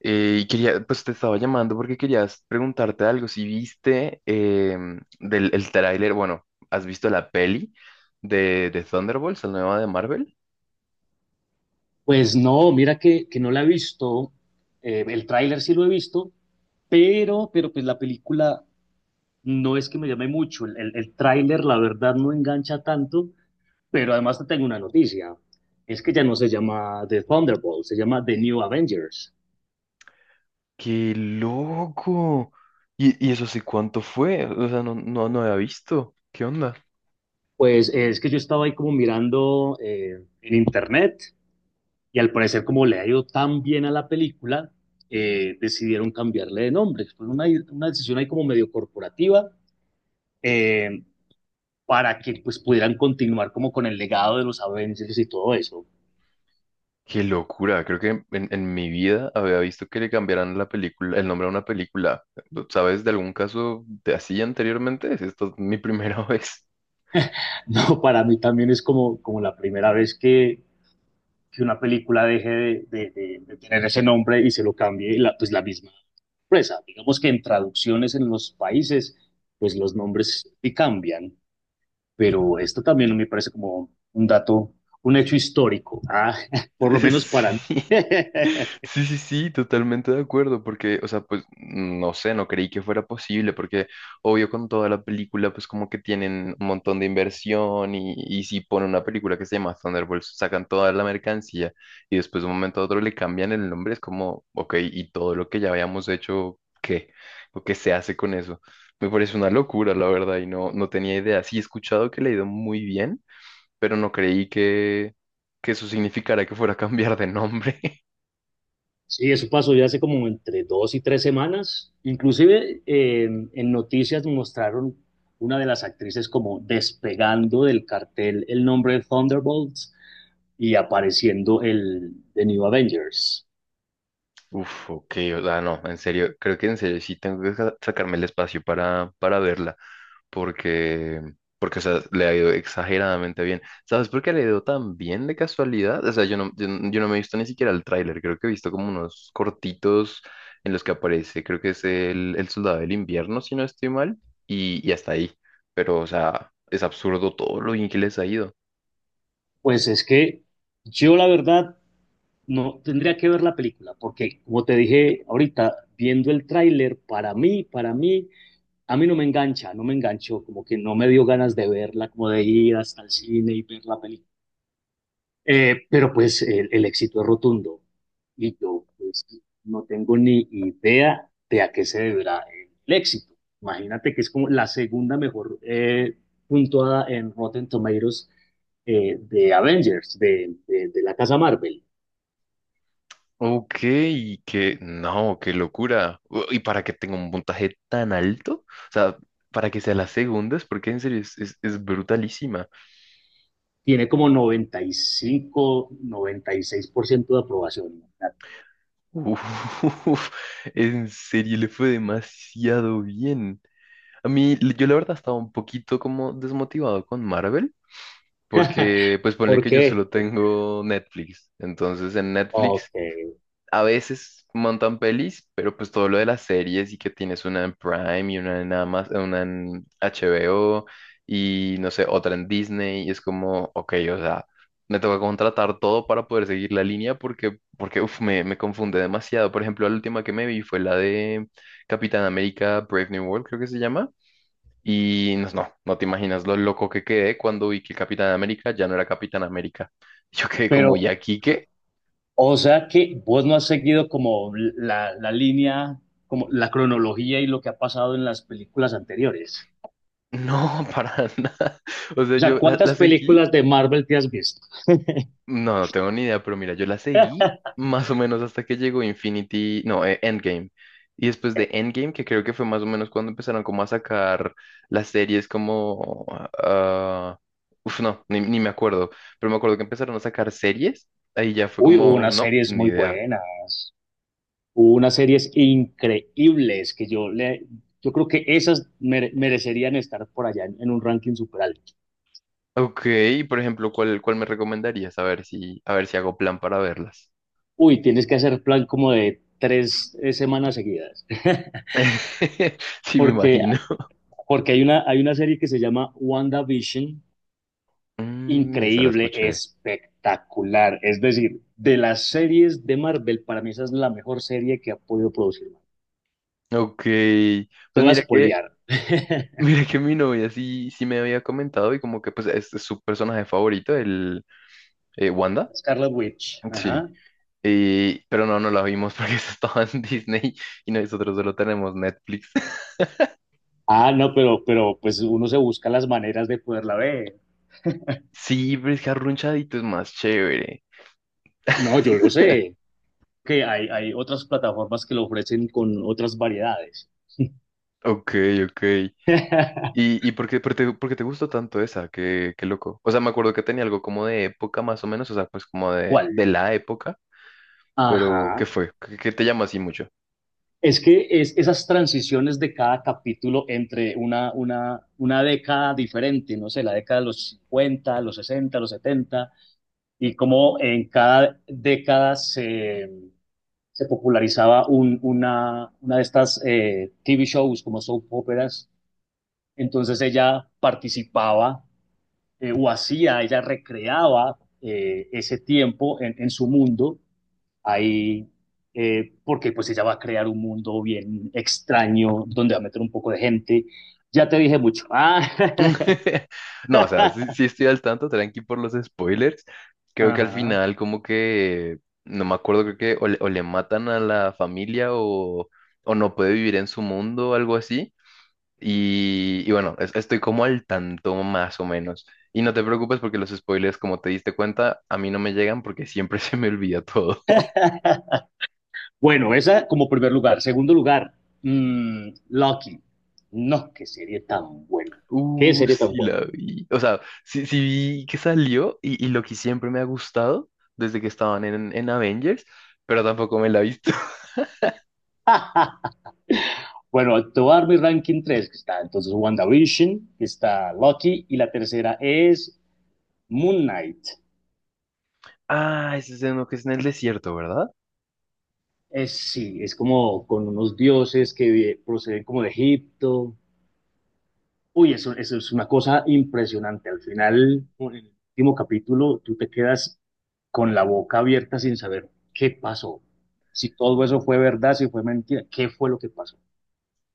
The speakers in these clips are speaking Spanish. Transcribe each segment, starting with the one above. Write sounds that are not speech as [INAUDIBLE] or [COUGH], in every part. Y quería, pues te estaba llamando porque querías preguntarte algo. Si viste del el tráiler, bueno, ¿has visto la peli de Thunderbolts, la nueva de Marvel? Pues no, mira que no la he visto. El tráiler sí lo he visto, pero pues la película no es que me llame mucho. El tráiler la verdad no engancha tanto, pero además te tengo una noticia: es que ya no se llama The Thunderbolt, se llama The New Avengers. ¡Qué loco! Y eso sí, ¿cuánto fue? O sea, no había visto. ¿Qué onda? Pues es que yo estaba ahí como mirando en internet y al parecer como le ha ido tan bien a la película, decidieron cambiarle de nombre. Fue una decisión ahí como medio corporativa. Eh, para que pues pudieran continuar como con el legado de los Avengers y todo eso. ¡Qué locura! Creo que en mi vida había visto que le cambiaran la película, el nombre a una película. ¿Sabes de algún caso de así anteriormente? Si esta es mi primera [LAUGHS] vez. [LAUGHS] No, para mí también es como la primera vez que una película deje de tener ese nombre y se lo cambie pues la misma empresa. Digamos que en traducciones en los países pues los nombres sí cambian, pero esto también me parece como un dato, un hecho histórico, ¿ah? [LAUGHS] por lo menos [LAUGHS] para mí. Sí. [LAUGHS] Sí, sí, sí, totalmente de acuerdo, porque, o sea, pues, no sé, no creí que fuera posible, porque obvio con toda la película, pues como que tienen un montón de inversión y si ponen una película que se llama Thunderbolts, sacan toda la mercancía y después de un momento a otro le cambian el nombre, es como, ok, y todo lo que ya habíamos hecho, ¿qué? ¿O qué se hace con eso? Me parece una locura, la verdad, y no, no tenía idea. Sí he escuchado que le ha ido muy bien pero no creí que eso significara que fuera a cambiar de nombre. [LAUGHS] Sí, eso pasó ya hace como entre 2 y 3 semanas. Inclusive en noticias mostraron una de las actrices como despegando del cartel el nombre de Thunderbolts y apareciendo el de New Avengers. Uf, ok, o sea, no, en serio, creo que en serio sí tengo que sacarme el espacio para verla, porque, porque, o sea, le ha ido exageradamente bien. ¿Sabes por qué le ha ido tan bien de casualidad? O sea, yo no, yo, no yo no me he visto ni siquiera el tráiler, creo que he visto como unos cortitos en los que aparece, creo que es el Soldado del Invierno, si no estoy mal, y hasta ahí, pero, o sea, es absurdo todo lo bien que les ha ido. Pues es que yo la verdad no tendría que ver la película porque como te dije ahorita viendo el tráiler para mí, a mí no me engancha, no me enganchó, como que no me dio ganas de verla, como de ir hasta el cine y ver la película. Pero pues el éxito es rotundo y yo pues no tengo ni idea de a qué se deberá el éxito. Imagínate que es como la segunda mejor puntuada en Rotten Tomatoes, de Avengers, de la casa Marvel. Ok, que no, qué locura. U- ¿Y para que tenga un puntaje tan alto? O sea, para que sea la segunda, es porque en serio es, es brutalísima. Tiene como noventa, noventa y cinco, noventa y seis por ciento de aprobación. Uf, [LAUGHS] en serio le fue demasiado bien. A mí, l- yo la verdad estaba un poquito como desmotivado con Marvel, [LAUGHS] porque pues ponle ¿Por que yo qué? solo tengo Netflix. Entonces en Ok. Netflix a veces montan pelis, pero pues todo lo de las series y que tienes una en Prime y una en Amazon, una en HBO y no sé, otra en Disney y es como, ok, o sea, me toca contratar todo para poder seguir la línea porque, porque uf, me confunde demasiado. Por ejemplo, la última que me vi fue la de Capitán América Brave New World, creo que se llama. Y no, no, no te imaginas lo loco que quedé cuando vi que Capitán América ya no era Capitán América. [LAUGHS] Yo quedé como, ¿y Pero aquí qué? O sea que vos no has seguido como la línea, como la cronología y lo que ha pasado en las películas anteriores. No, [LAUGHS] para nada. O sea, O sea, yo la, la ¿cuántas seguí. películas de Marvel te has visto? No, no tengo ni idea, pero mira, yo la seguí más o menos hasta que llegó Infinity, no, Endgame. Y después de Endgame, que creo que fue más o menos cuando empezaron como a sacar las series como... ah, uf, no, ni, ni me acuerdo. Pero me acuerdo que empezaron a sacar series. Ahí ya fue Uy, hubo como, unas no, series ni muy idea. buenas, hubo unas series increíbles que yo creo que esas merecerían estar por allá en, un ranking super alto. Ok, por ejemplo, ¿cuál, cuál me recomendarías? A ver si hago plan para verlas. Uy, tienes que hacer plan como de 3 semanas seguidas, [LAUGHS] [LAUGHS] Sí, me porque imagino. porque hay una serie que se llama WandaVision, Mm, esa la increíble, escuché. espectacular. Es decir, de las series de Marvel, para mí esa es la mejor serie que ha podido producir Marvel. Ok, Te pues voy a mira que, espolear. [LAUGHS] [LAUGHS] mira que mi novia sí, sí me había comentado y como que pues este es su personaje favorito, el Wanda. Scarlet Witch. Sí. Ajá. Y- pero no, no la vimos porque [LAUGHS] eso estaba en Disney y nosotros solo tenemos Netflix. [LAUGHS] Ah, no, pero pues uno se busca las maneras de poderla ver. Sí, pero es que Arrunchadito es más chévere. No, yo lo sé. [LAUGHS] Que hay otras plataformas que lo ofrecen con otras variedades. Ok, ok. [LAUGHS] ¿Y por qué, por te, por qué te gustó tanto esa? Qué, qué loco. O sea, me acuerdo que tenía algo como de época más o menos, o sea, pues como de, ¿Cuál? de la época, pero Ajá. ¿qué fue? ¿Qué, qué te llama así mucho? Es que es esas transiciones de cada capítulo entre una, una década diferente, no sé, la década de los 50, los 60, los 70, y cómo en cada década se popularizaba una de estas TV shows como soap operas. Entonces ella participaba, o hacía, ella recreaba ese tiempo en su mundo ahí, porque pues ella va a crear un mundo bien extraño donde va a meter un poco de gente. Ya te dije mucho. Ah. [LAUGHS] No, o sea, sí, [LAUGHS] sí estoy al tanto, tranqui por los spoilers. Creo que al Ajá. final como que, no me acuerdo, creo que o le matan a la familia o no puede vivir en su mundo o algo así. Y bueno, es- estoy como al tanto más o menos. Y no te preocupes porque los spoilers, como te diste cuenta, a mí no me llegan porque siempre [LAUGHS] se me olvida todo. Bueno, esa como primer lugar. Segundo lugar, Lucky. No, qué serie tan buena. Qué serie tan Sí buena. la vi. O sea, sí, sí vi que salió y lo que siempre me ha gustado desde que estaban en Avengers, pero tampoco me la he visto. [LAUGHS] [LAUGHS] Bueno, te voy a dar mi ranking 3, que está entonces WandaVision, que está Lucky, y la tercera es Moon Knight. Ah, ese es uno que es en el desierto, ¿verdad? Sí, es como con unos dioses que proceden como de Egipto. Uy, eso es una cosa impresionante. Al final, en el último capítulo, tú te quedas con la boca abierta sin saber qué pasó, si todo eso fue verdad, si fue mentira, qué fue lo que pasó.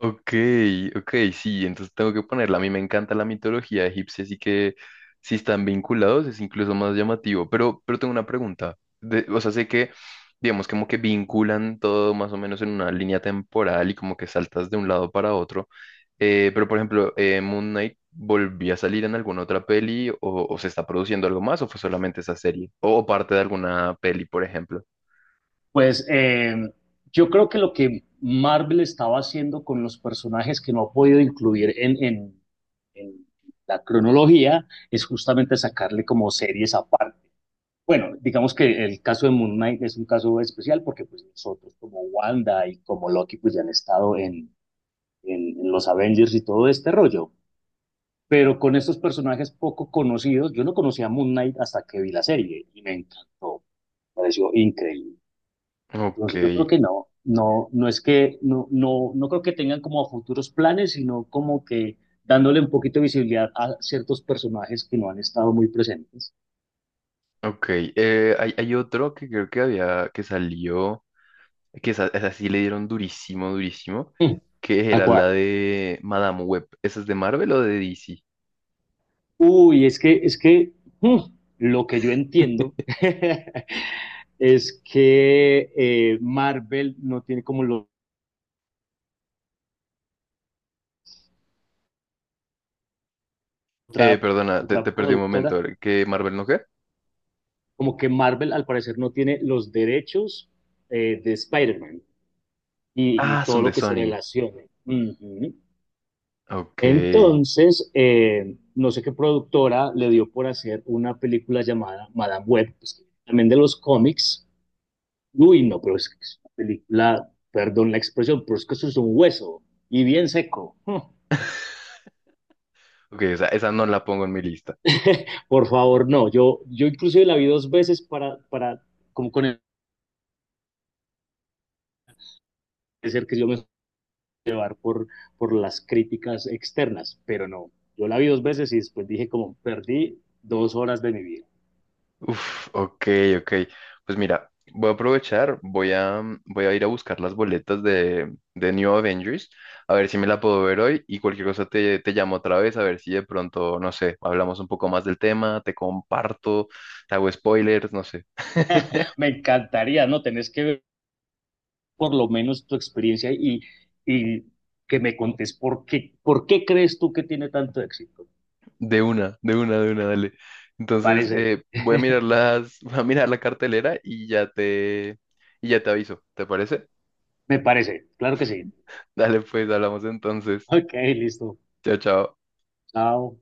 Ok, ok, sí, entonces tengo que ponerla. A mí me encanta la mitología egipcia, así que si están vinculados es incluso más llamativo. Pero tengo una pregunta. De- o sea, sé que, digamos, como que vinculan todo más o menos en una línea temporal y como que saltas de un lado para otro. Pero, por ejemplo, Moon Knight volvió a salir en alguna otra peli o se está produciendo algo más o fue solamente esa serie o, parte de alguna peli, por ejemplo. Pues yo creo que lo que Marvel estaba haciendo con los personajes que no ha podido incluir en la cronología es justamente sacarle como series aparte. Bueno, digamos que el caso de Moon Knight es un caso especial porque pues nosotros como Wanda y como Loki pues ya han estado en los Avengers y todo este rollo. Pero con estos personajes poco conocidos, yo no conocía a Moon Knight hasta que vi la serie y me encantó, pareció increíble. Ok, Entonces yo creo que no, no, no es que, no, no, no creo que tengan como futuros planes, sino como que dándole un poquito de visibilidad a ciertos personajes que no han estado muy presentes. ok. Hay otro que creo que había que salió. Que esa sí le dieron durísimo, durísimo, Hmm. que ¿A era cuál? la de Madame Web. ¿Esa es de Marvel o de DC? Uy, es que, mm, lo que yo entiendo [LAUGHS] [LAUGHS] es que Marvel no tiene como otra, Perdona, te, otra te perdí un productora, momento. ¿Qué Marvel no qué? como que Marvel al parecer no tiene los derechos de Spider-Man y Ah, son todo de lo que se Sony. relacione. Ujú. Ok. Entonces, no sé qué productora le dio por hacer una película llamada Madame Web, pues, también de los cómics. Uy, no, pero es que es una película, perdón la expresión, pero es que eso es un hueso y bien seco. Hmm. [LAUGHS] Ok, o sea, esa no la pongo en mi lista. Por favor, no. Yo inclusive la vi 2 veces para, como con el ser que yo me suelo llevar por, las críticas externas, pero no. Yo la vi 2 veces y después dije como perdí 2 horas de mi vida. Uf, ok, ok. Pues mira, voy a aprovechar, voy a, mm, voy a ir a buscar las boletas de New Avengers, a ver si me la puedo ver hoy y cualquier cosa te, te llamo otra vez, a ver si de pronto, no sé, hablamos un poco más del tema, te comparto, te hago spoilers, no sé. [LAUGHS] Me encantaría, ¿no? Tenés que ver por lo menos tu experiencia y que me contes por qué crees tú que tiene tanto éxito. De una, de una, de una, dale. Entonces, Parece, voy a mirar [LAUGHS] las, [LAUGHS] voy a mirar la cartelera y ya te aviso, ¿te parece? Me parece, claro que sí. Dale, pues, hablamos entonces. Ok, listo. Chao, chao. Chao.